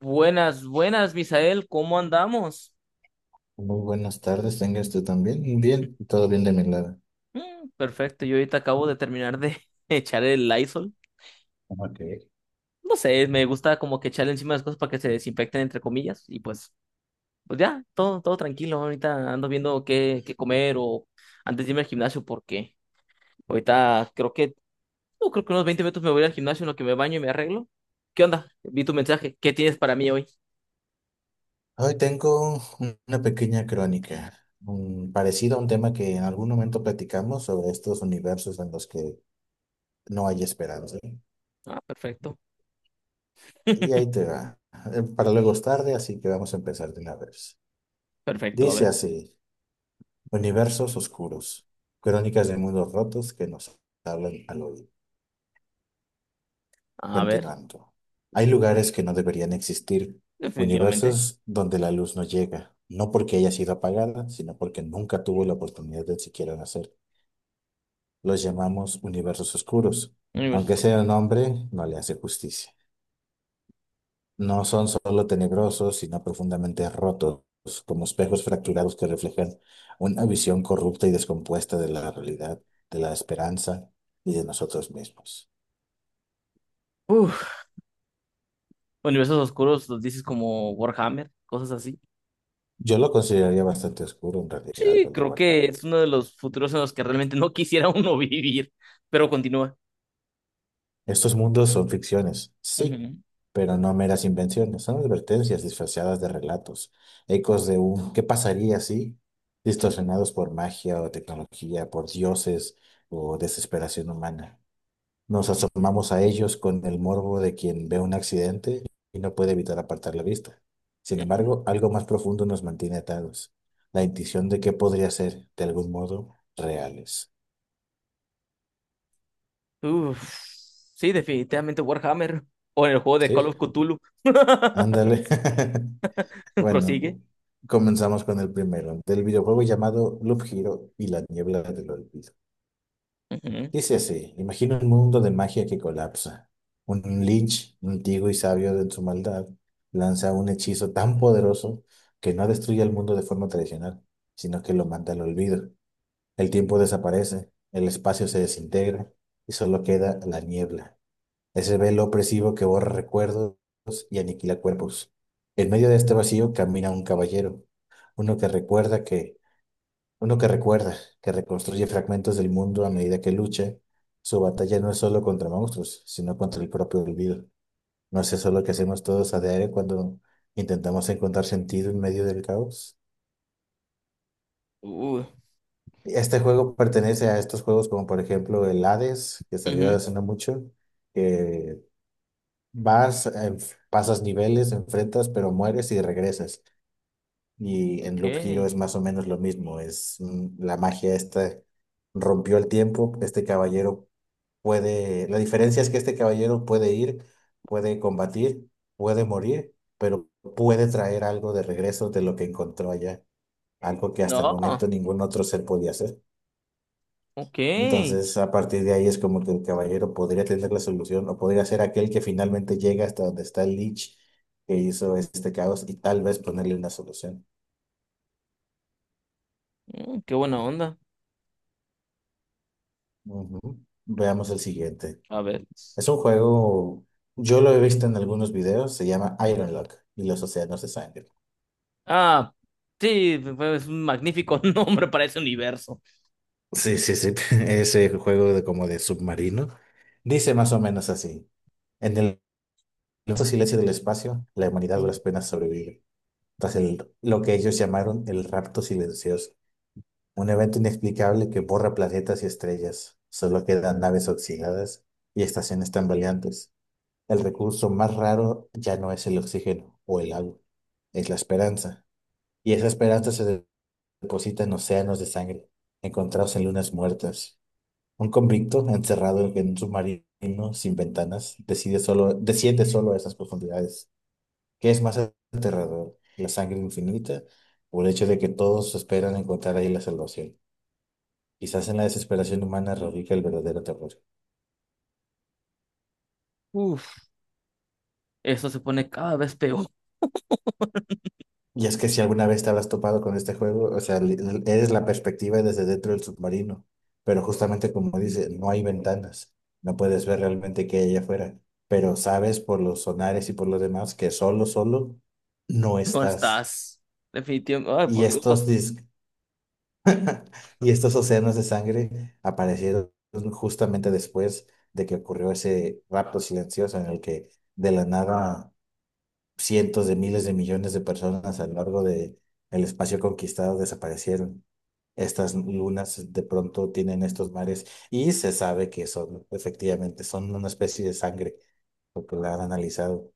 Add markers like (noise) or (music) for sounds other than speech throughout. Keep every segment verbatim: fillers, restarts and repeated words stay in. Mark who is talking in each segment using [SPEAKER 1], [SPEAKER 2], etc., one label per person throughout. [SPEAKER 1] Buenas, buenas, Misael, ¿cómo andamos?
[SPEAKER 2] Muy buenas tardes, tenga usted también. Bien, todo bien de mi lado.
[SPEAKER 1] Mm, perfecto, yo ahorita acabo de terminar de (laughs) echar el Lysol.
[SPEAKER 2] Ok.
[SPEAKER 1] No sé, me gusta como que echarle encima las cosas para que se desinfecten, entre comillas, y pues, pues ya, todo, todo tranquilo. Ahorita ando viendo qué, qué comer o antes de irme al gimnasio, porque ahorita creo que, no, creo que unos veinte minutos me voy al gimnasio en lo que me baño y me arreglo. ¿Qué onda? Vi tu mensaje, ¿qué tienes para mí hoy?
[SPEAKER 2] Hoy tengo una pequeña crónica, un, parecido a un tema que en algún momento platicamos sobre estos universos en los que no hay esperanza.
[SPEAKER 1] Ah, perfecto,
[SPEAKER 2] Y
[SPEAKER 1] (laughs)
[SPEAKER 2] ahí te va. Eh, Para luego es tarde, así que vamos a empezar de una vez.
[SPEAKER 1] perfecto, a
[SPEAKER 2] Dice
[SPEAKER 1] ver,
[SPEAKER 2] así, universos oscuros, crónicas de mundos rotos que nos hablan al oído.
[SPEAKER 1] a ver,
[SPEAKER 2] Continuando. Hay lugares que no deberían existir,
[SPEAKER 1] definitivamente,
[SPEAKER 2] universos donde la luz no llega, no porque haya sido apagada, sino porque nunca tuvo la oportunidad de siquiera nacer. Los llamamos universos oscuros,
[SPEAKER 1] universo
[SPEAKER 2] aunque sea
[SPEAKER 1] oscuro.
[SPEAKER 2] nombre no le hace justicia. No son solo tenebrosos, sino profundamente rotos, como espejos fracturados que reflejan una visión corrupta y descompuesta de la realidad, de la esperanza y de nosotros mismos.
[SPEAKER 1] Universos oscuros, los dices como Warhammer, cosas así.
[SPEAKER 2] Yo lo consideraría bastante oscuro en realidad,
[SPEAKER 1] Sí,
[SPEAKER 2] el de
[SPEAKER 1] creo que
[SPEAKER 2] Warhammer.
[SPEAKER 1] es uno de los futuros en los que realmente no quisiera uno (laughs) vivir, pero continúa.
[SPEAKER 2] Estos mundos son ficciones, sí,
[SPEAKER 1] Ujú,
[SPEAKER 2] pero no meras invenciones, son advertencias disfrazadas de relatos, ecos de un ¿qué pasaría si? distorsionados por magia o tecnología, por dioses o desesperación humana. Nos asomamos a ellos con el morbo de quien ve un accidente y no puede evitar apartar la vista. Sin embargo, algo más profundo nos mantiene atados, la intuición de que podría ser, de algún modo, reales.
[SPEAKER 1] ujú. Uf, sí, definitivamente Warhammer. O en el juego de
[SPEAKER 2] ¿Sí?
[SPEAKER 1] Call of Cthulhu,
[SPEAKER 2] Ándale. (laughs)
[SPEAKER 1] (laughs) prosigue.
[SPEAKER 2] Bueno, comenzamos con el primero, del videojuego llamado Loop Hero y la niebla del olvido.
[SPEAKER 1] Ujú,
[SPEAKER 2] Dice así, imagina un mundo de magia que colapsa. Un Lynch, antiguo y sabio de su maldad, lanza un hechizo tan poderoso que no destruye el mundo de forma tradicional, sino que lo manda al olvido. El tiempo desaparece, el espacio se desintegra y solo queda la niebla, ese velo opresivo que borra recuerdos y aniquila cuerpos. En medio de este vacío camina un caballero, uno que recuerda que, uno que recuerda, que reconstruye fragmentos del mundo a medida que lucha. Su batalla no es solo contra monstruos, sino contra el propio olvido. ¿No es eso lo que hacemos todos a diario cuando intentamos encontrar sentido en medio del caos?
[SPEAKER 1] uh,
[SPEAKER 2] Este juego pertenece a estos juegos como por ejemplo el Hades, que salió
[SPEAKER 1] ujú,
[SPEAKER 2] hace no mucho, que vas, enf- pasas niveles, enfrentas, pero mueres y regresas. Y en
[SPEAKER 1] ok.
[SPEAKER 2] Loop Hero es más o menos lo mismo. Es, mm, la magia esta rompió el tiempo. Este caballero puede. La diferencia es que este caballero puede ir, puede combatir, puede morir, pero puede traer algo de regreso de lo que encontró allá. Algo que hasta el
[SPEAKER 1] No,
[SPEAKER 2] momento ningún otro ser podía hacer.
[SPEAKER 1] ok.
[SPEAKER 2] Entonces, a partir de ahí es como que el caballero podría tener la solución o podría ser aquel que finalmente llega hasta donde está el Lich que hizo este caos y tal vez ponerle una solución.
[SPEAKER 1] Mm, qué buena onda.
[SPEAKER 2] Ujú. Veamos el siguiente.
[SPEAKER 1] A ver.
[SPEAKER 2] Es un juego, yo lo he visto en algunos videos, se llama Ironlock y los océanos de sangre.
[SPEAKER 1] Ah, sí, pues, es un magnífico (laughs) nombre para ese universo.
[SPEAKER 2] Sí, sí, sí, (laughs) ese juego de como de submarino. Dice más o menos así. En el inmenso silencio del espacio, la humanidad a
[SPEAKER 1] Mm,
[SPEAKER 2] duras penas sobrevive. Tras el, lo que ellos llamaron el rapto silencioso. Un evento inexplicable que borra planetas y estrellas. Solo quedan naves oxidadas y estaciones tambaleantes. El recurso más raro ya no es el oxígeno o el agua, es la esperanza. Y esa esperanza se de- deposita en océanos de sangre, encontrados en lunas muertas. Un convicto encerrado en un submarino sin ventanas decide solo, desciende solo a esas profundidades. ¿Qué es más aterrador? ¿La sangre infinita o el hecho de que todos esperan encontrar ahí la salvación? Quizás en la desesperación humana radica el verdadero terror.
[SPEAKER 1] Uf, eso se pone cada vez peor.
[SPEAKER 2] Y es que si alguna vez te habrás topado con este juego, o sea, li- li- eres la perspectiva desde dentro del submarino, pero justamente como dice, no hay ventanas, no puedes ver realmente qué hay allá afuera, pero sabes por los sonares y por los demás que solo, solo no
[SPEAKER 1] No
[SPEAKER 2] estás.
[SPEAKER 1] estás. Definitivamente. Ay,
[SPEAKER 2] Y
[SPEAKER 1] por
[SPEAKER 2] estos
[SPEAKER 1] Dios.
[SPEAKER 2] dis- (laughs) y estos océanos de sangre aparecieron justamente después de que ocurrió ese rapto silencioso en el que de la nada cientos de miles de millones de personas a lo largo de el espacio conquistado desaparecieron. Estas lunas de pronto tienen estos mares y se sabe que son, efectivamente, son una especie de sangre, porque la han analizado.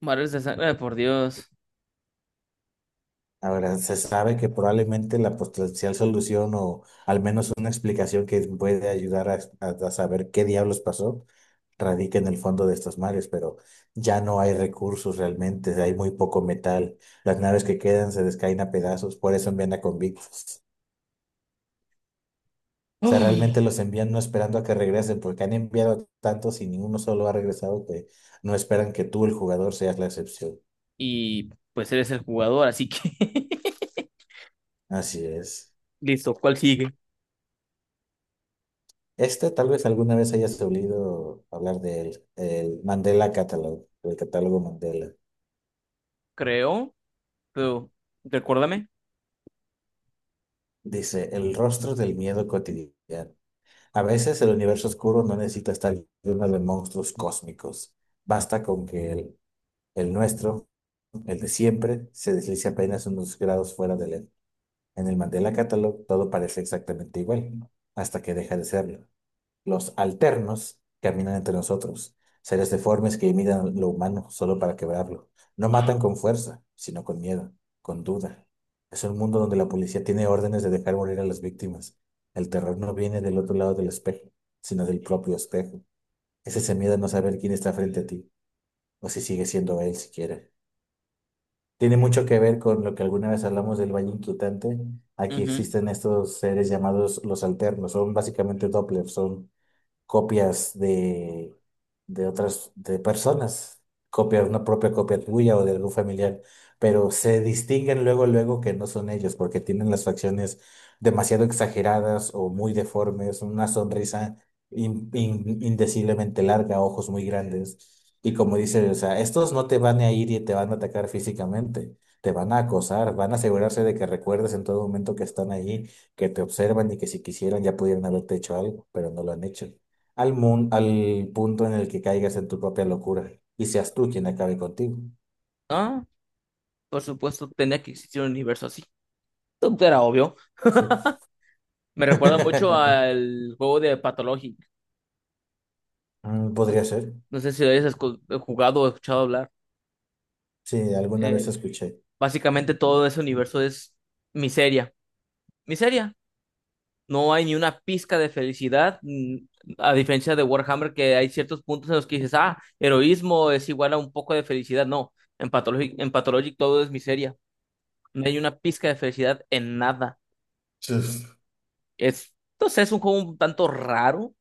[SPEAKER 1] Mares de sangre. Ay, por Dios.
[SPEAKER 2] Ahora, se sabe que probablemente la potencial solución o al menos una explicación que puede ayudar a, a- a saber qué diablos pasó radica en el fondo de estos mares, pero ya no hay recursos realmente, hay muy poco metal, las naves que quedan se descaen a pedazos, por eso envían a convictos. O sea,
[SPEAKER 1] Ay,
[SPEAKER 2] realmente los envían no esperando a que regresen, porque han enviado tantos y ninguno solo ha regresado que no esperan que tú, el jugador, seas la excepción.
[SPEAKER 1] y pues eres el jugador, así que. (laughs)
[SPEAKER 2] Así es.
[SPEAKER 1] Listo, ¿cuál sigue?
[SPEAKER 2] Este tal vez alguna vez hayas oído hablar del el Mandela Catalog, el catálogo Mandela.
[SPEAKER 1] Creo, pero recuérdame.
[SPEAKER 2] Dice, el rostro del miedo cotidiano. A veces el universo oscuro no necesita estar lleno de monstruos cósmicos. Basta con que el, el nuestro, el de siempre, se deslice apenas unos grados fuera de él. En el Mandela Catalog todo parece exactamente igual, hasta que deja de serlo. Los alternos caminan entre nosotros, seres deformes que imitan lo humano solo para quebrarlo. No matan con fuerza, sino con miedo, con duda. Es un mundo donde la policía tiene órdenes de dejar morir a las víctimas. El terror no viene del otro lado del espejo, sino del propio espejo. Es ese miedo a no saber quién está frente a ti, o si sigue siendo él siquiera. Tiene mucho que ver con lo que alguna vez hablamos del valle inquietante. Aquí
[SPEAKER 1] Ujú.
[SPEAKER 2] existen estos seres llamados los alternos, son básicamente Doppler, son copias de, de otras de personas, copia, una propia copia tuya o de algún familiar, pero se distinguen luego, luego que no son ellos, porque tienen las facciones demasiado exageradas o muy deformes, una sonrisa in- in- indeciblemente larga, ojos muy grandes. Y como dice, o sea, estos no te van a ir y te van a atacar físicamente, te van a acosar, van a asegurarse de que recuerdes en todo momento que están ahí, que te observan y que si quisieran ya pudieran haberte hecho algo, pero no lo han hecho al, mun- al punto en el que caigas en tu propia locura y seas tú quien acabe contigo.
[SPEAKER 1] Ah, por supuesto, tenía que existir un universo así. Esto era obvio.
[SPEAKER 2] Sí.
[SPEAKER 1] Me recuerda mucho
[SPEAKER 2] (laughs)
[SPEAKER 1] al juego de Pathologic.
[SPEAKER 2] Mm,
[SPEAKER 1] (laughs)
[SPEAKER 2] podría ser.
[SPEAKER 1] No sé si lo hayas escu- jugado o escuchado hablar.
[SPEAKER 2] Sí, alguna vez
[SPEAKER 1] Eh,
[SPEAKER 2] escuché.
[SPEAKER 1] básicamente todo ese universo es miseria. Miseria. No hay ni una pizca de felicidad, mm, a diferencia de Warhammer, que hay ciertos puntos en los que dices, ah, heroísmo es igual a un poco de felicidad. No, en Pathologic, en Pathologic todo es miseria. No hay una pizca de felicidad en nada.
[SPEAKER 2] Sí.
[SPEAKER 1] Es, entonces es un juego un tanto raro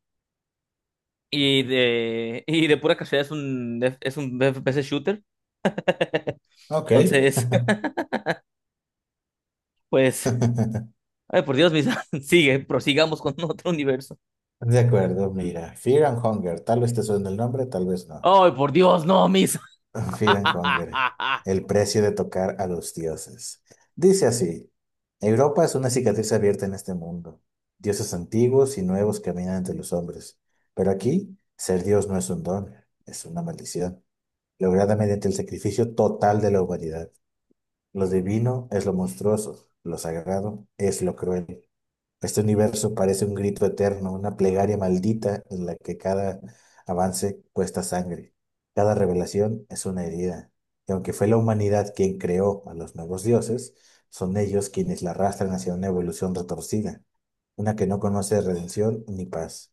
[SPEAKER 1] y de, (laughs) y de pura casualidad es un, es un F P S shooter.
[SPEAKER 2] Ok.
[SPEAKER 1] Entonces, (laughs) pues,
[SPEAKER 2] (laughs)
[SPEAKER 1] ay, por Dios, Misa, (laughs) sigue, prosigamos con otro universo.
[SPEAKER 2] De acuerdo, mira. Fear and Hunger. Tal vez te suene el nombre, tal vez no.
[SPEAKER 1] Ay, por Dios, no, Misa.
[SPEAKER 2] (laughs) Fear and Hunger,
[SPEAKER 1] (laughs)
[SPEAKER 2] el precio de tocar a los dioses. Dice así, Europa es una cicatriz abierta en este mundo. Dioses antiguos y nuevos caminan entre los hombres. Pero aquí, ser dios no es un don, es una maldición, lograda mediante el sacrificio total de la humanidad. Lo divino es lo monstruoso, lo sagrado es lo cruel. Este universo parece un grito eterno, una plegaria maldita en la que cada avance cuesta sangre. Cada revelación es una herida. Y aunque fue la humanidad quien creó a los nuevos dioses, son ellos quienes la arrastran hacia una evolución retorcida, una que no conoce redención ni paz.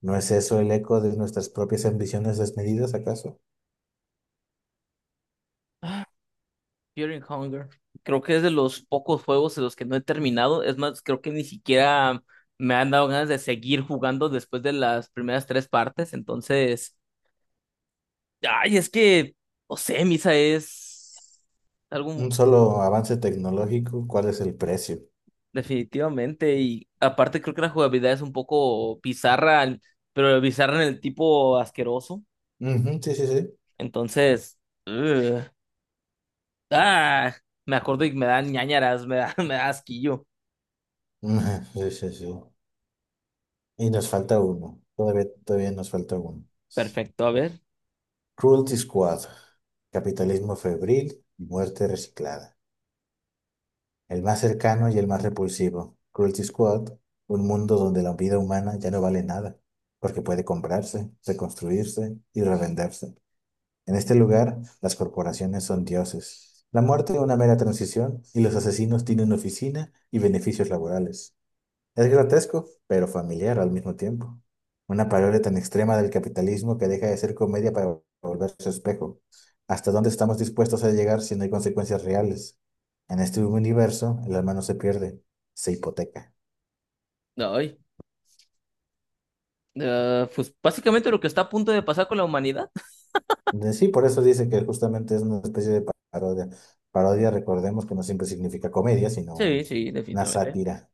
[SPEAKER 2] ¿No es eso el eco de nuestras propias ambiciones desmedidas, acaso?
[SPEAKER 1] Fury Hunger. Creo que es de los pocos juegos en los que no he terminado. Es más, creo que ni siquiera me han dado ganas de seguir jugando después de las primeras tres partes. Entonces, ay, es que, no sé, Misa es
[SPEAKER 2] Un
[SPEAKER 1] algo
[SPEAKER 2] solo avance tecnológico, ¿cuál es el precio?
[SPEAKER 1] definitivamente. Y aparte, creo que la jugabilidad es un poco bizarra, pero bizarra en el tipo asqueroso.
[SPEAKER 2] Ujú, sí, sí, sí.
[SPEAKER 1] Entonces, ugh. Ah, me acuerdo y me dan ñáñaras, me da, (laughs) me da asquillo.
[SPEAKER 2] (laughs) Ujú, sí, sí, sí. Y nos falta uno. Todavía, todavía nos falta uno.
[SPEAKER 1] Perfecto, a ver.
[SPEAKER 2] Cruelty Squad. Capitalismo febril y muerte reciclada. El más cercano y el más repulsivo. Cruelty Squad. Un mundo donde la vida humana ya no vale nada, porque puede comprarse, reconstruirse y revenderse. En este lugar, las corporaciones son dioses. La muerte es una mera transición y los asesinos tienen oficina y beneficios laborales. Es grotesco, pero familiar al mismo tiempo. Una parodia tan extrema del capitalismo que deja de ser comedia para volverse espejo. ¿Hasta dónde estamos dispuestos a llegar si no hay consecuencias reales? En este universo, el alma no se pierde, se hipoteca.
[SPEAKER 1] Ay. Ah, pues básicamente lo que está a punto de pasar con la humanidad.
[SPEAKER 2] De- Sí, por eso dice que justamente es una especie de parodia. Parodia, recordemos que no siempre significa comedia, sino
[SPEAKER 1] Sí,
[SPEAKER 2] un-
[SPEAKER 1] sí,
[SPEAKER 2] una
[SPEAKER 1] definitivamente.
[SPEAKER 2] sátira.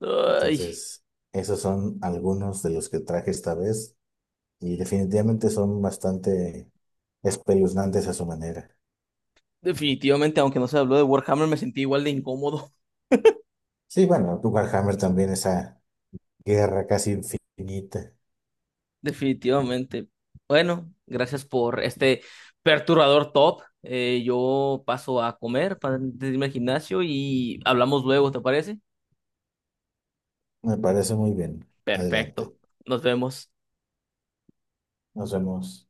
[SPEAKER 1] Ay,
[SPEAKER 2] Entonces, esos son algunos de los que traje esta vez. Y definitivamente son bastante espeluznantes a su manera.
[SPEAKER 1] definitivamente, aunque no se habló de Warhammer, me sentí igual de incómodo.
[SPEAKER 2] Sí, bueno, tu Warhammer también, esa guerra casi infinita.
[SPEAKER 1] (laughs) Definitivamente. Bueno, gracias por este perturbador top. Eh, yo paso a comer para irme al gimnasio y hablamos luego, ¿te parece?
[SPEAKER 2] Me parece muy bien.
[SPEAKER 1] Perfecto.
[SPEAKER 2] Adelante.
[SPEAKER 1] Nos vemos.
[SPEAKER 2] Nos vemos.